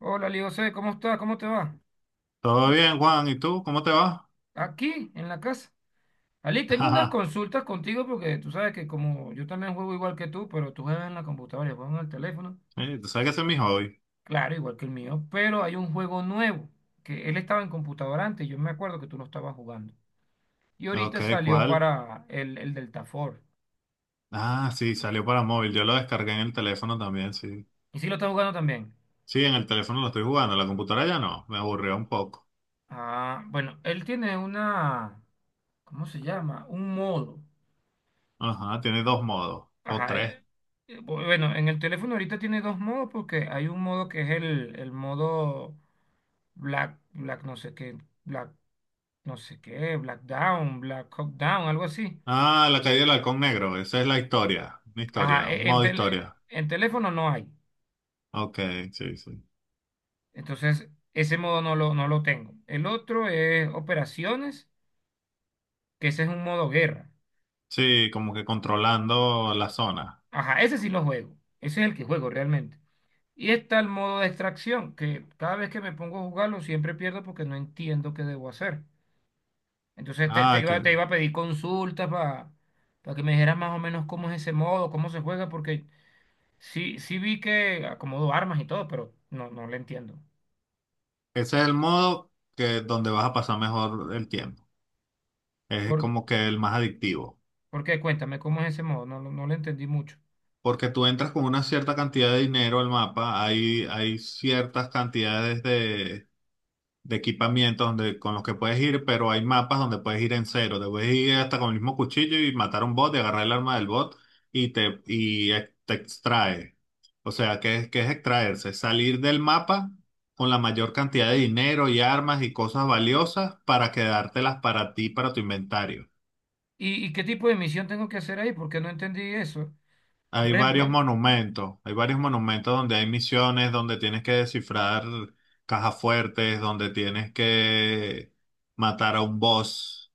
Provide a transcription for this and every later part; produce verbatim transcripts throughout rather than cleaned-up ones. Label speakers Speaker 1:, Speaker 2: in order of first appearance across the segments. Speaker 1: Hola, Leo José, ¿cómo estás? ¿Cómo te va?
Speaker 2: Todo
Speaker 1: A-
Speaker 2: bien, Juan. ¿Y tú? ¿Cómo te va?
Speaker 1: Aquí, en la casa. Ali, tengo unas
Speaker 2: Ajá.
Speaker 1: consultas contigo porque tú sabes que como yo también juego igual que tú, pero tú juegas en la computadora, y yo juego en el teléfono,
Speaker 2: Eh, Tú sabes que ese es mi hobby.
Speaker 1: claro, igual que el mío, pero hay un juego nuevo, que él estaba en computadora antes, yo me acuerdo que tú lo estabas jugando. Y
Speaker 2: Ok,
Speaker 1: ahorita salió
Speaker 2: ¿cuál?
Speaker 1: para el, el Delta Force.
Speaker 2: Ah, sí, salió para móvil. Yo lo descargué en el teléfono también, sí.
Speaker 1: ¿Y sí lo estás jugando también?
Speaker 2: Sí, en el teléfono lo estoy jugando. En la computadora ya no. Me aburrió un poco.
Speaker 1: Ah, bueno, él tiene una, ¿cómo se llama? Un modo.
Speaker 2: Ajá, tiene dos modos. O
Speaker 1: Ajá,
Speaker 2: tres.
Speaker 1: eh, eh, bueno, en el teléfono ahorita tiene dos modos porque hay un modo que es el, el modo Black, Black no sé qué, Black no sé qué, Black Down, Black Hawk Down, algo así.
Speaker 2: Ah, la caída del halcón negro. Esa es la historia. Una
Speaker 1: Ajá,
Speaker 2: historia. Un
Speaker 1: e- en,
Speaker 2: modo
Speaker 1: tele-
Speaker 2: historia.
Speaker 1: en teléfono no hay.
Speaker 2: Ok, sí, sí.
Speaker 1: Entonces, ese modo no lo, no lo tengo. El otro es operaciones, que ese es un modo guerra.
Speaker 2: Sí, como que controlando la zona.
Speaker 1: Ajá, ese sí lo juego. Ese es el que juego realmente. Y está el modo de extracción, que cada vez que me pongo a jugarlo siempre pierdo porque no entiendo qué debo hacer. Entonces te, te
Speaker 2: Ah, que
Speaker 1: iba, te iba a pedir consultas para que me dijeras más o menos cómo es ese modo, cómo se juega, porque sí, sí vi que acomodó armas y todo, pero no, no le entiendo.
Speaker 2: ese es el modo que donde vas a pasar mejor el tiempo. Es
Speaker 1: ¿Por,
Speaker 2: como que el más adictivo.
Speaker 1: ¿por qué? Cuéntame, ¿cómo es ese modo? No, lo- no, le entendí mucho.
Speaker 2: Porque tú entras con una cierta cantidad de dinero al mapa, hay, hay ciertas cantidades de, de equipamiento donde, con los que puedes ir, pero hay mapas donde puedes ir en cero. Te puedes ir hasta con el mismo cuchillo y matar a un bot y agarrar el arma del bot y te, y ex- te extrae. O sea, ¿qué es, qué es extraerse? Salir del mapa con la mayor cantidad de dinero y armas y cosas valiosas para quedártelas para ti, para tu inventario.
Speaker 1: ¿Y, ¿y qué tipo de misión tengo que hacer ahí? Porque no entendí eso. O,
Speaker 2: Hay
Speaker 1: Por
Speaker 2: varios
Speaker 1: ejemplo,
Speaker 2: monumentos, hay varios monumentos donde hay misiones, donde tienes que descifrar cajas fuertes, donde tienes que matar a un boss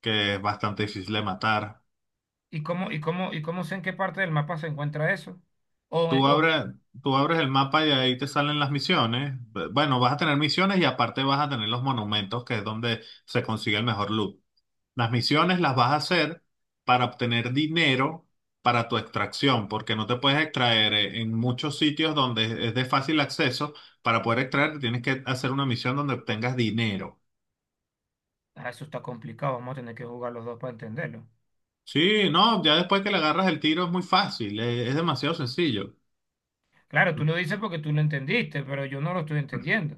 Speaker 2: que es bastante difícil de matar.
Speaker 1: ¿y cómo, y cómo, ¿y cómo sé en qué parte del mapa se encuentra eso? O, eh,
Speaker 2: Tú
Speaker 1: o-
Speaker 2: abres, Tú abres el mapa y ahí te salen las misiones. B- Bueno, vas a tener misiones y aparte vas a tener los monumentos, que es donde se consigue el mejor loot. Las misiones las vas a hacer para obtener dinero para tu extracción, porque no te puedes extraer eh, en muchos sitios donde es de fácil acceso. Para poder extraer, tienes que hacer una misión donde obtengas dinero.
Speaker 1: ah, eso está complicado, vamos a tener que jugar los dos para entenderlo.
Speaker 2: Sí, no, ya después que le agarras el tiro es muy fácil, eh, es demasiado sencillo.
Speaker 1: Claro, tú lo dices porque tú lo entendiste, pero yo no lo estoy entendiendo.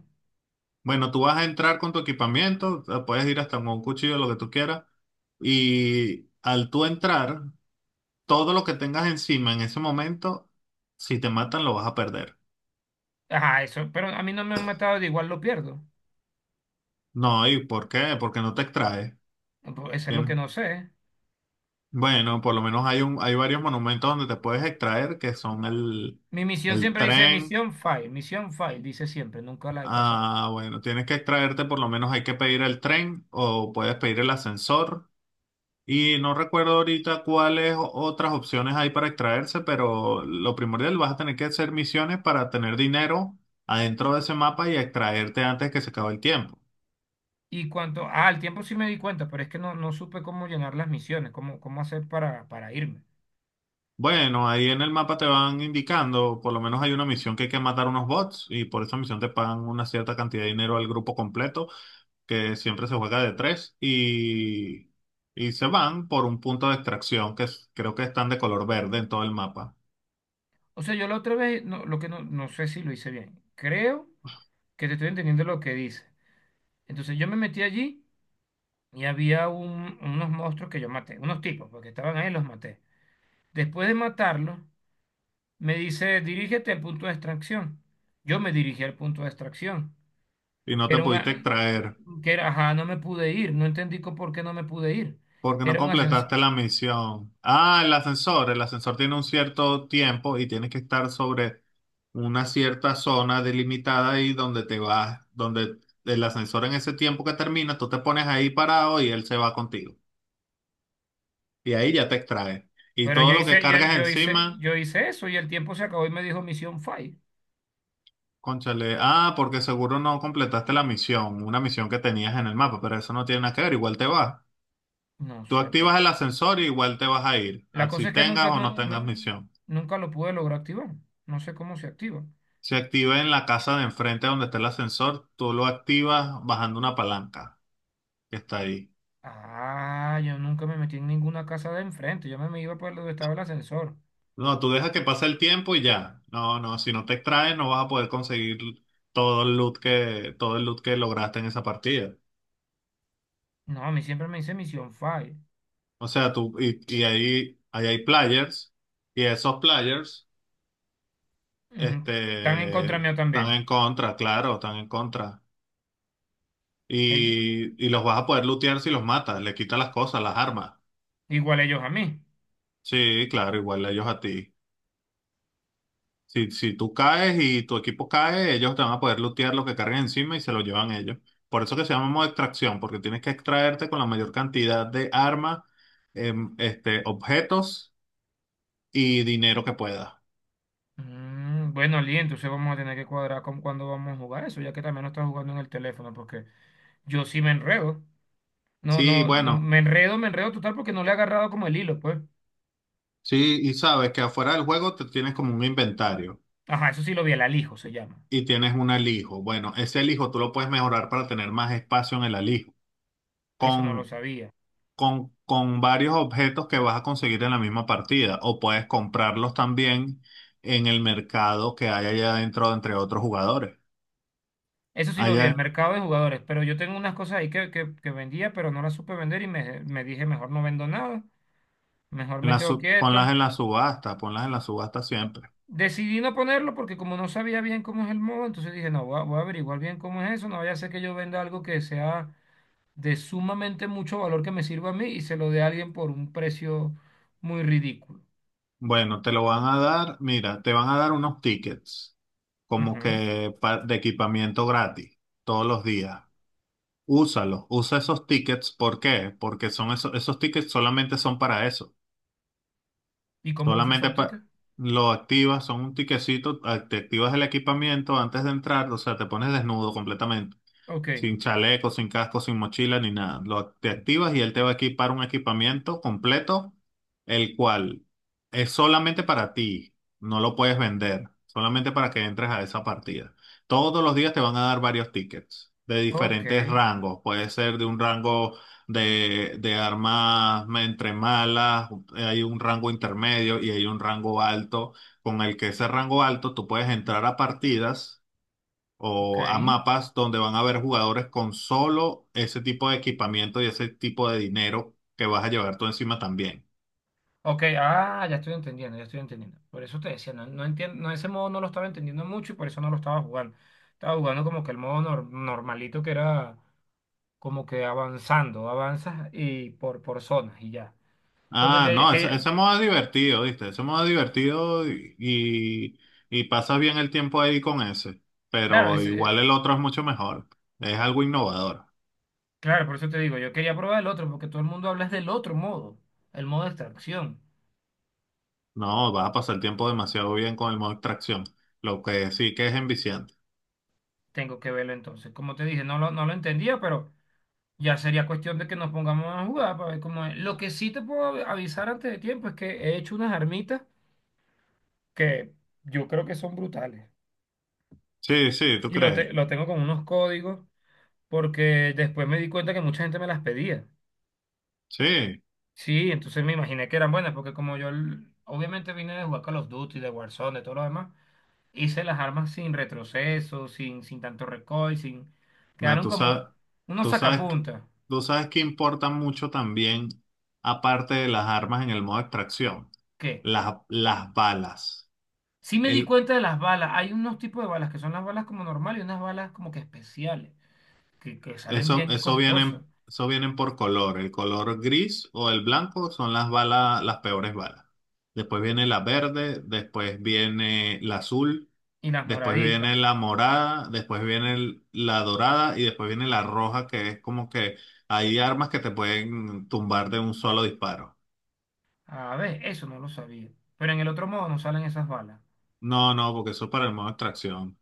Speaker 2: Bueno, tú vas a entrar con tu equipamiento, eh, puedes ir hasta con un cuchillo, lo que tú quieras, y al tú entrar, todo lo que tengas encima en ese momento, si te matan, lo vas a perder.
Speaker 1: Ajá, eso, pero a mí no me han matado, de igual lo pierdo.
Speaker 2: No, ¿y por qué? Porque no te extraes.
Speaker 1: Pues, eso es lo que
Speaker 2: ¿Entiendes?
Speaker 1: no sé.
Speaker 2: Bueno, por lo menos hay un, hay varios monumentos donde te puedes extraer, que son el,
Speaker 1: Mi misión
Speaker 2: el
Speaker 1: siempre dice
Speaker 2: tren.
Speaker 1: misión fail, misión fail, dice siempre, nunca la he pasado.
Speaker 2: Ah, bueno, tienes que extraerte, por lo menos hay que pedir el tren o puedes pedir el ascensor. Y no recuerdo ahorita cuáles o- otras opciones hay para extraerse, pero lo primordial vas a tener que hacer misiones para tener dinero adentro de ese mapa y extraerte antes que se acabe el tiempo.
Speaker 1: Y cuanto, ah, al tiempo sí me di cuenta, pero es que no, no supe cómo llenar las misiones, cómo, cómo hacer para, para irme.
Speaker 2: Bueno, ahí en el mapa te van indicando, por lo menos hay una misión que hay que matar unos bots y por esa misión te pagan una cierta cantidad de dinero al grupo completo, que siempre se juega de tres y, y se van por un punto de extracción que es- creo que están de color verde en todo el mapa
Speaker 1: O sea, yo la otra vez, no, lo que no, no sé si lo hice bien. Creo que te estoy entendiendo lo que dice. Entonces yo me metí allí y había un- unos monstruos que yo maté, unos tipos, porque estaban ahí, los maté. Después de matarlos, me dice, dirígete al punto de extracción. Yo me dirigí al punto de extracción,
Speaker 2: y no
Speaker 1: que
Speaker 2: te
Speaker 1: era
Speaker 2: pudiste
Speaker 1: una,
Speaker 2: extraer.
Speaker 1: que era, ajá, no me pude ir, no entendí co- por qué no me pude ir.
Speaker 2: Porque no
Speaker 1: Era un ascensor.
Speaker 2: completaste la misión. Ah, el ascensor. El ascensor tiene un cierto tiempo y tienes que estar sobre una cierta zona delimitada ahí donde te vas, donde el ascensor en ese tiempo que termina, tú te pones ahí parado y él se va contigo. Y ahí ya te extrae. Y
Speaker 1: Pero
Speaker 2: todo
Speaker 1: yo
Speaker 2: lo que
Speaker 1: hice, yo,
Speaker 2: cargas
Speaker 1: yo hice,
Speaker 2: encima,
Speaker 1: yo hice eso y el tiempo se acabó y me dijo misión fail.
Speaker 2: cónchale, ah, porque seguro no completaste la misión, una misión que tenías en el mapa, pero eso no tiene nada que ver, igual te vas.
Speaker 1: No
Speaker 2: Tú
Speaker 1: sé, pero
Speaker 2: activas el ascensor y igual te vas a ir,
Speaker 1: la cosa
Speaker 2: así
Speaker 1: es que
Speaker 2: tengas
Speaker 1: nunca,
Speaker 2: o no
Speaker 1: nu-
Speaker 2: tengas
Speaker 1: nu-
Speaker 2: misión.
Speaker 1: nunca lo pude lograr activar. No sé cómo se activa.
Speaker 2: Se activa en la casa de enfrente donde está el ascensor. Tú lo activas bajando una palanca que está ahí.
Speaker 1: Ah, yo nunca me metí en ninguna casa de enfrente. Yo me, me iba por donde estaba el ascensor.
Speaker 2: No, tú dejas que pase el tiempo y ya. No, no, si no te extraes no vas a poder conseguir todo el loot que, todo el loot que lograste en esa partida.
Speaker 1: No, a mí siempre me dice misión fail.
Speaker 2: O sea, tú, y, y ahí, ahí hay players y esos players,
Speaker 1: Ujú. Están en
Speaker 2: este,
Speaker 1: contra mío
Speaker 2: están
Speaker 1: también.
Speaker 2: en contra, claro, están en contra.
Speaker 1: Ey-
Speaker 2: Y, y los vas a poder lootear si los matas, le quitas las cosas, las armas.
Speaker 1: Igual ellos a mí.
Speaker 2: Sí, claro, igual ellos a ti. Si, si tú caes y tu equipo cae, ellos te van a poder lootear lo que carguen encima y se lo llevan ellos. Por eso que se llama modo extracción, porque tienes que extraerte con la mayor cantidad de armas, em, este, objetos y dinero que puedas.
Speaker 1: Mm, bueno, Lee, entonces vamos a tener que cuadrar con cuándo vamos a jugar eso, ya que también no estás jugando en el teléfono, porque yo sí me enredo. No,
Speaker 2: Sí,
Speaker 1: no, no,
Speaker 2: bueno,
Speaker 1: me enredo, me enredo total porque no le he agarrado como el hilo, pues.
Speaker 2: sí, y sabes que afuera del juego te tienes como un inventario
Speaker 1: Ajá, eso sí lo vi, el alijo se llama.
Speaker 2: y tienes un alijo. Bueno, ese alijo tú lo puedes mejorar para tener más espacio en el alijo.
Speaker 1: Eso no lo
Speaker 2: Con
Speaker 1: sabía.
Speaker 2: con, con varios objetos que vas a conseguir en la misma partida o puedes comprarlos también en el mercado que hay allá adentro entre otros jugadores.
Speaker 1: Eso sí lo vi, el
Speaker 2: Allá
Speaker 1: mercado de jugadores, pero yo tengo unas cosas ahí que, que, que vendía, pero no las supe vender y me, me dije, mejor no vendo nada, mejor
Speaker 2: en
Speaker 1: me
Speaker 2: la
Speaker 1: quedo
Speaker 2: su- ponlas
Speaker 1: quieto.
Speaker 2: en la subasta, ponlas en la subasta siempre.
Speaker 1: Decidí no ponerlo porque como no sabía bien cómo es el modo, entonces dije, no, voy a, voy a averiguar bien cómo es eso, no vaya a ser que yo venda algo que sea de sumamente mucho valor que me sirva a mí y se lo dé a alguien por un precio muy ridículo.
Speaker 2: Bueno, te lo van a dar, mira, te van a dar unos tickets como
Speaker 1: Ujú.
Speaker 2: que pa- de equipamiento gratis todos los días. Úsalos, usa esos tickets. ¿Por qué? Porque son esos, esos tickets solamente son para eso.
Speaker 1: ¿Y cómo uso
Speaker 2: Solamente
Speaker 1: esos
Speaker 2: pa-
Speaker 1: tickets?
Speaker 2: lo activas, son un tiquecito, a- te activas el equipamiento antes de entrar, o sea, te pones desnudo completamente.
Speaker 1: Ok,
Speaker 2: Sin chaleco, sin casco, sin mochila, ni nada. Lo, te activas y él te va a equipar un equipamiento completo, el cual es solamente para ti. No lo puedes vender, solamente para que entres a esa partida. Todos los días te van a dar varios tickets de
Speaker 1: ok,
Speaker 2: diferentes rangos. Puede ser de un rango de, de armas entre malas, hay un rango intermedio y hay un rango alto. Con el que ese rango alto tú puedes entrar a partidas
Speaker 1: ok.
Speaker 2: o a mapas donde van a haber jugadores con solo ese tipo de equipamiento y ese tipo de dinero que vas a llevar tú encima también.
Speaker 1: Ok, ah, ya estoy entendiendo, ya estoy entendiendo. Por eso te decía, no, no entiendo, no, ese modo no lo estaba entendiendo mucho y por eso no lo estaba jugando. Estaba jugando como que el modo nor- normalito que era como que avanzando, avanzas y por, por zonas y ya. Porque
Speaker 2: Ah,
Speaker 1: que-
Speaker 2: no, ese, ese
Speaker 1: que-
Speaker 2: modo es divertido, ¿viste? Ese modo es divertido y, y, y pasas bien el tiempo ahí con ese,
Speaker 1: claro,
Speaker 2: pero
Speaker 1: es,
Speaker 2: igual
Speaker 1: eh,
Speaker 2: el otro es mucho mejor, es algo innovador.
Speaker 1: claro, por eso te digo, yo quería probar el otro, porque todo el mundo habla es del otro modo, el modo de extracción.
Speaker 2: No, vas a pasar el tiempo demasiado bien con el modo extracción, lo que sí que es enviciante.
Speaker 1: Tengo que verlo entonces. Como te dije, no lo, no lo entendía, pero ya sería cuestión de que nos pongamos a jugar para ver cómo es. Lo que sí te puedo av- avisar antes de tiempo es que he hecho unas armitas que yo creo que son brutales.
Speaker 2: Sí, sí, ¿tú
Speaker 1: Y lo,
Speaker 2: crees?
Speaker 1: te- lo tengo con unos códigos, porque después me di cuenta que mucha gente me las pedía.
Speaker 2: Sí.
Speaker 1: Sí, entonces me imaginé que eran buenas, porque como yo l- obviamente vine de jugar Call of Duty, de Warzone, de todo lo demás. Hice las armas sin retroceso, sin, sin tanto recoil, sin...
Speaker 2: No,
Speaker 1: Quedaron
Speaker 2: tú
Speaker 1: como
Speaker 2: sabes,
Speaker 1: unos
Speaker 2: tú sabes,
Speaker 1: sacapuntas.
Speaker 2: tú sabes que importa mucho también, aparte de las armas en el modo extracción,
Speaker 1: ¿Qué?
Speaker 2: las, las balas.
Speaker 1: Sí me di
Speaker 2: El,
Speaker 1: cuenta de las balas. Hay unos tipos de balas que son las balas como normales y unas balas como que especiales, que, que salen
Speaker 2: eso,
Speaker 1: bien
Speaker 2: eso
Speaker 1: costosas.
Speaker 2: vienen, eso vienen por color. El color gris o el blanco son las balas, las peores balas. Después viene la verde, después viene la azul,
Speaker 1: Y las
Speaker 2: después
Speaker 1: moraditas.
Speaker 2: viene la morada, después viene el- la dorada y después viene la roja, que es como que hay armas que te pueden tumbar de un solo disparo.
Speaker 1: A ver, eso no lo sabía. Pero en el otro modo no salen esas balas.
Speaker 2: No, no, porque eso es para el modo de extracción.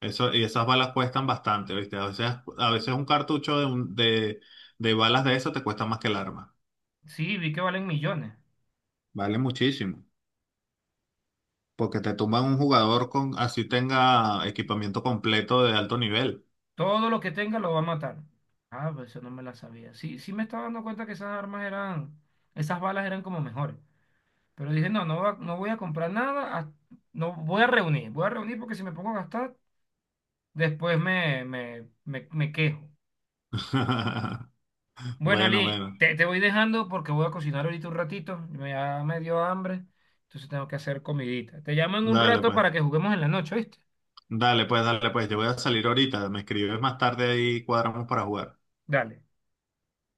Speaker 2: Eso, y esas balas cuestan bastante, ¿viste? A veces, a veces un cartucho de, un- de, de balas de eso te cuesta más que el arma.
Speaker 1: Sí, vi que valen millones.
Speaker 2: Vale muchísimo. Porque te tumban un jugador con, así tenga equipamiento completo de alto nivel.
Speaker 1: Todo lo que tenga lo va a matar. Ah, pues eso no me la sabía. Sí, sí me estaba dando cuenta que esas armas eran, esas balas eran como mejores. Pero dije, no, no, va- no voy a comprar nada, hasta- no voy a reunir, voy a reunir porque si me pongo a gastar, después me, me, me, me quejo. Bueno,
Speaker 2: Bueno,
Speaker 1: Ali,
Speaker 2: bueno.
Speaker 1: te, te voy dejando porque voy a cocinar ahorita un ratito, me, ya me dio hambre, entonces tengo que hacer comidita. Te llamo en un
Speaker 2: Dale
Speaker 1: rato
Speaker 2: pues.
Speaker 1: para que juguemos en la noche, ¿viste?
Speaker 2: Dale pues, dale pues. Yo voy a salir ahorita. Me escribes más tarde y cuadramos para jugar.
Speaker 1: Dale.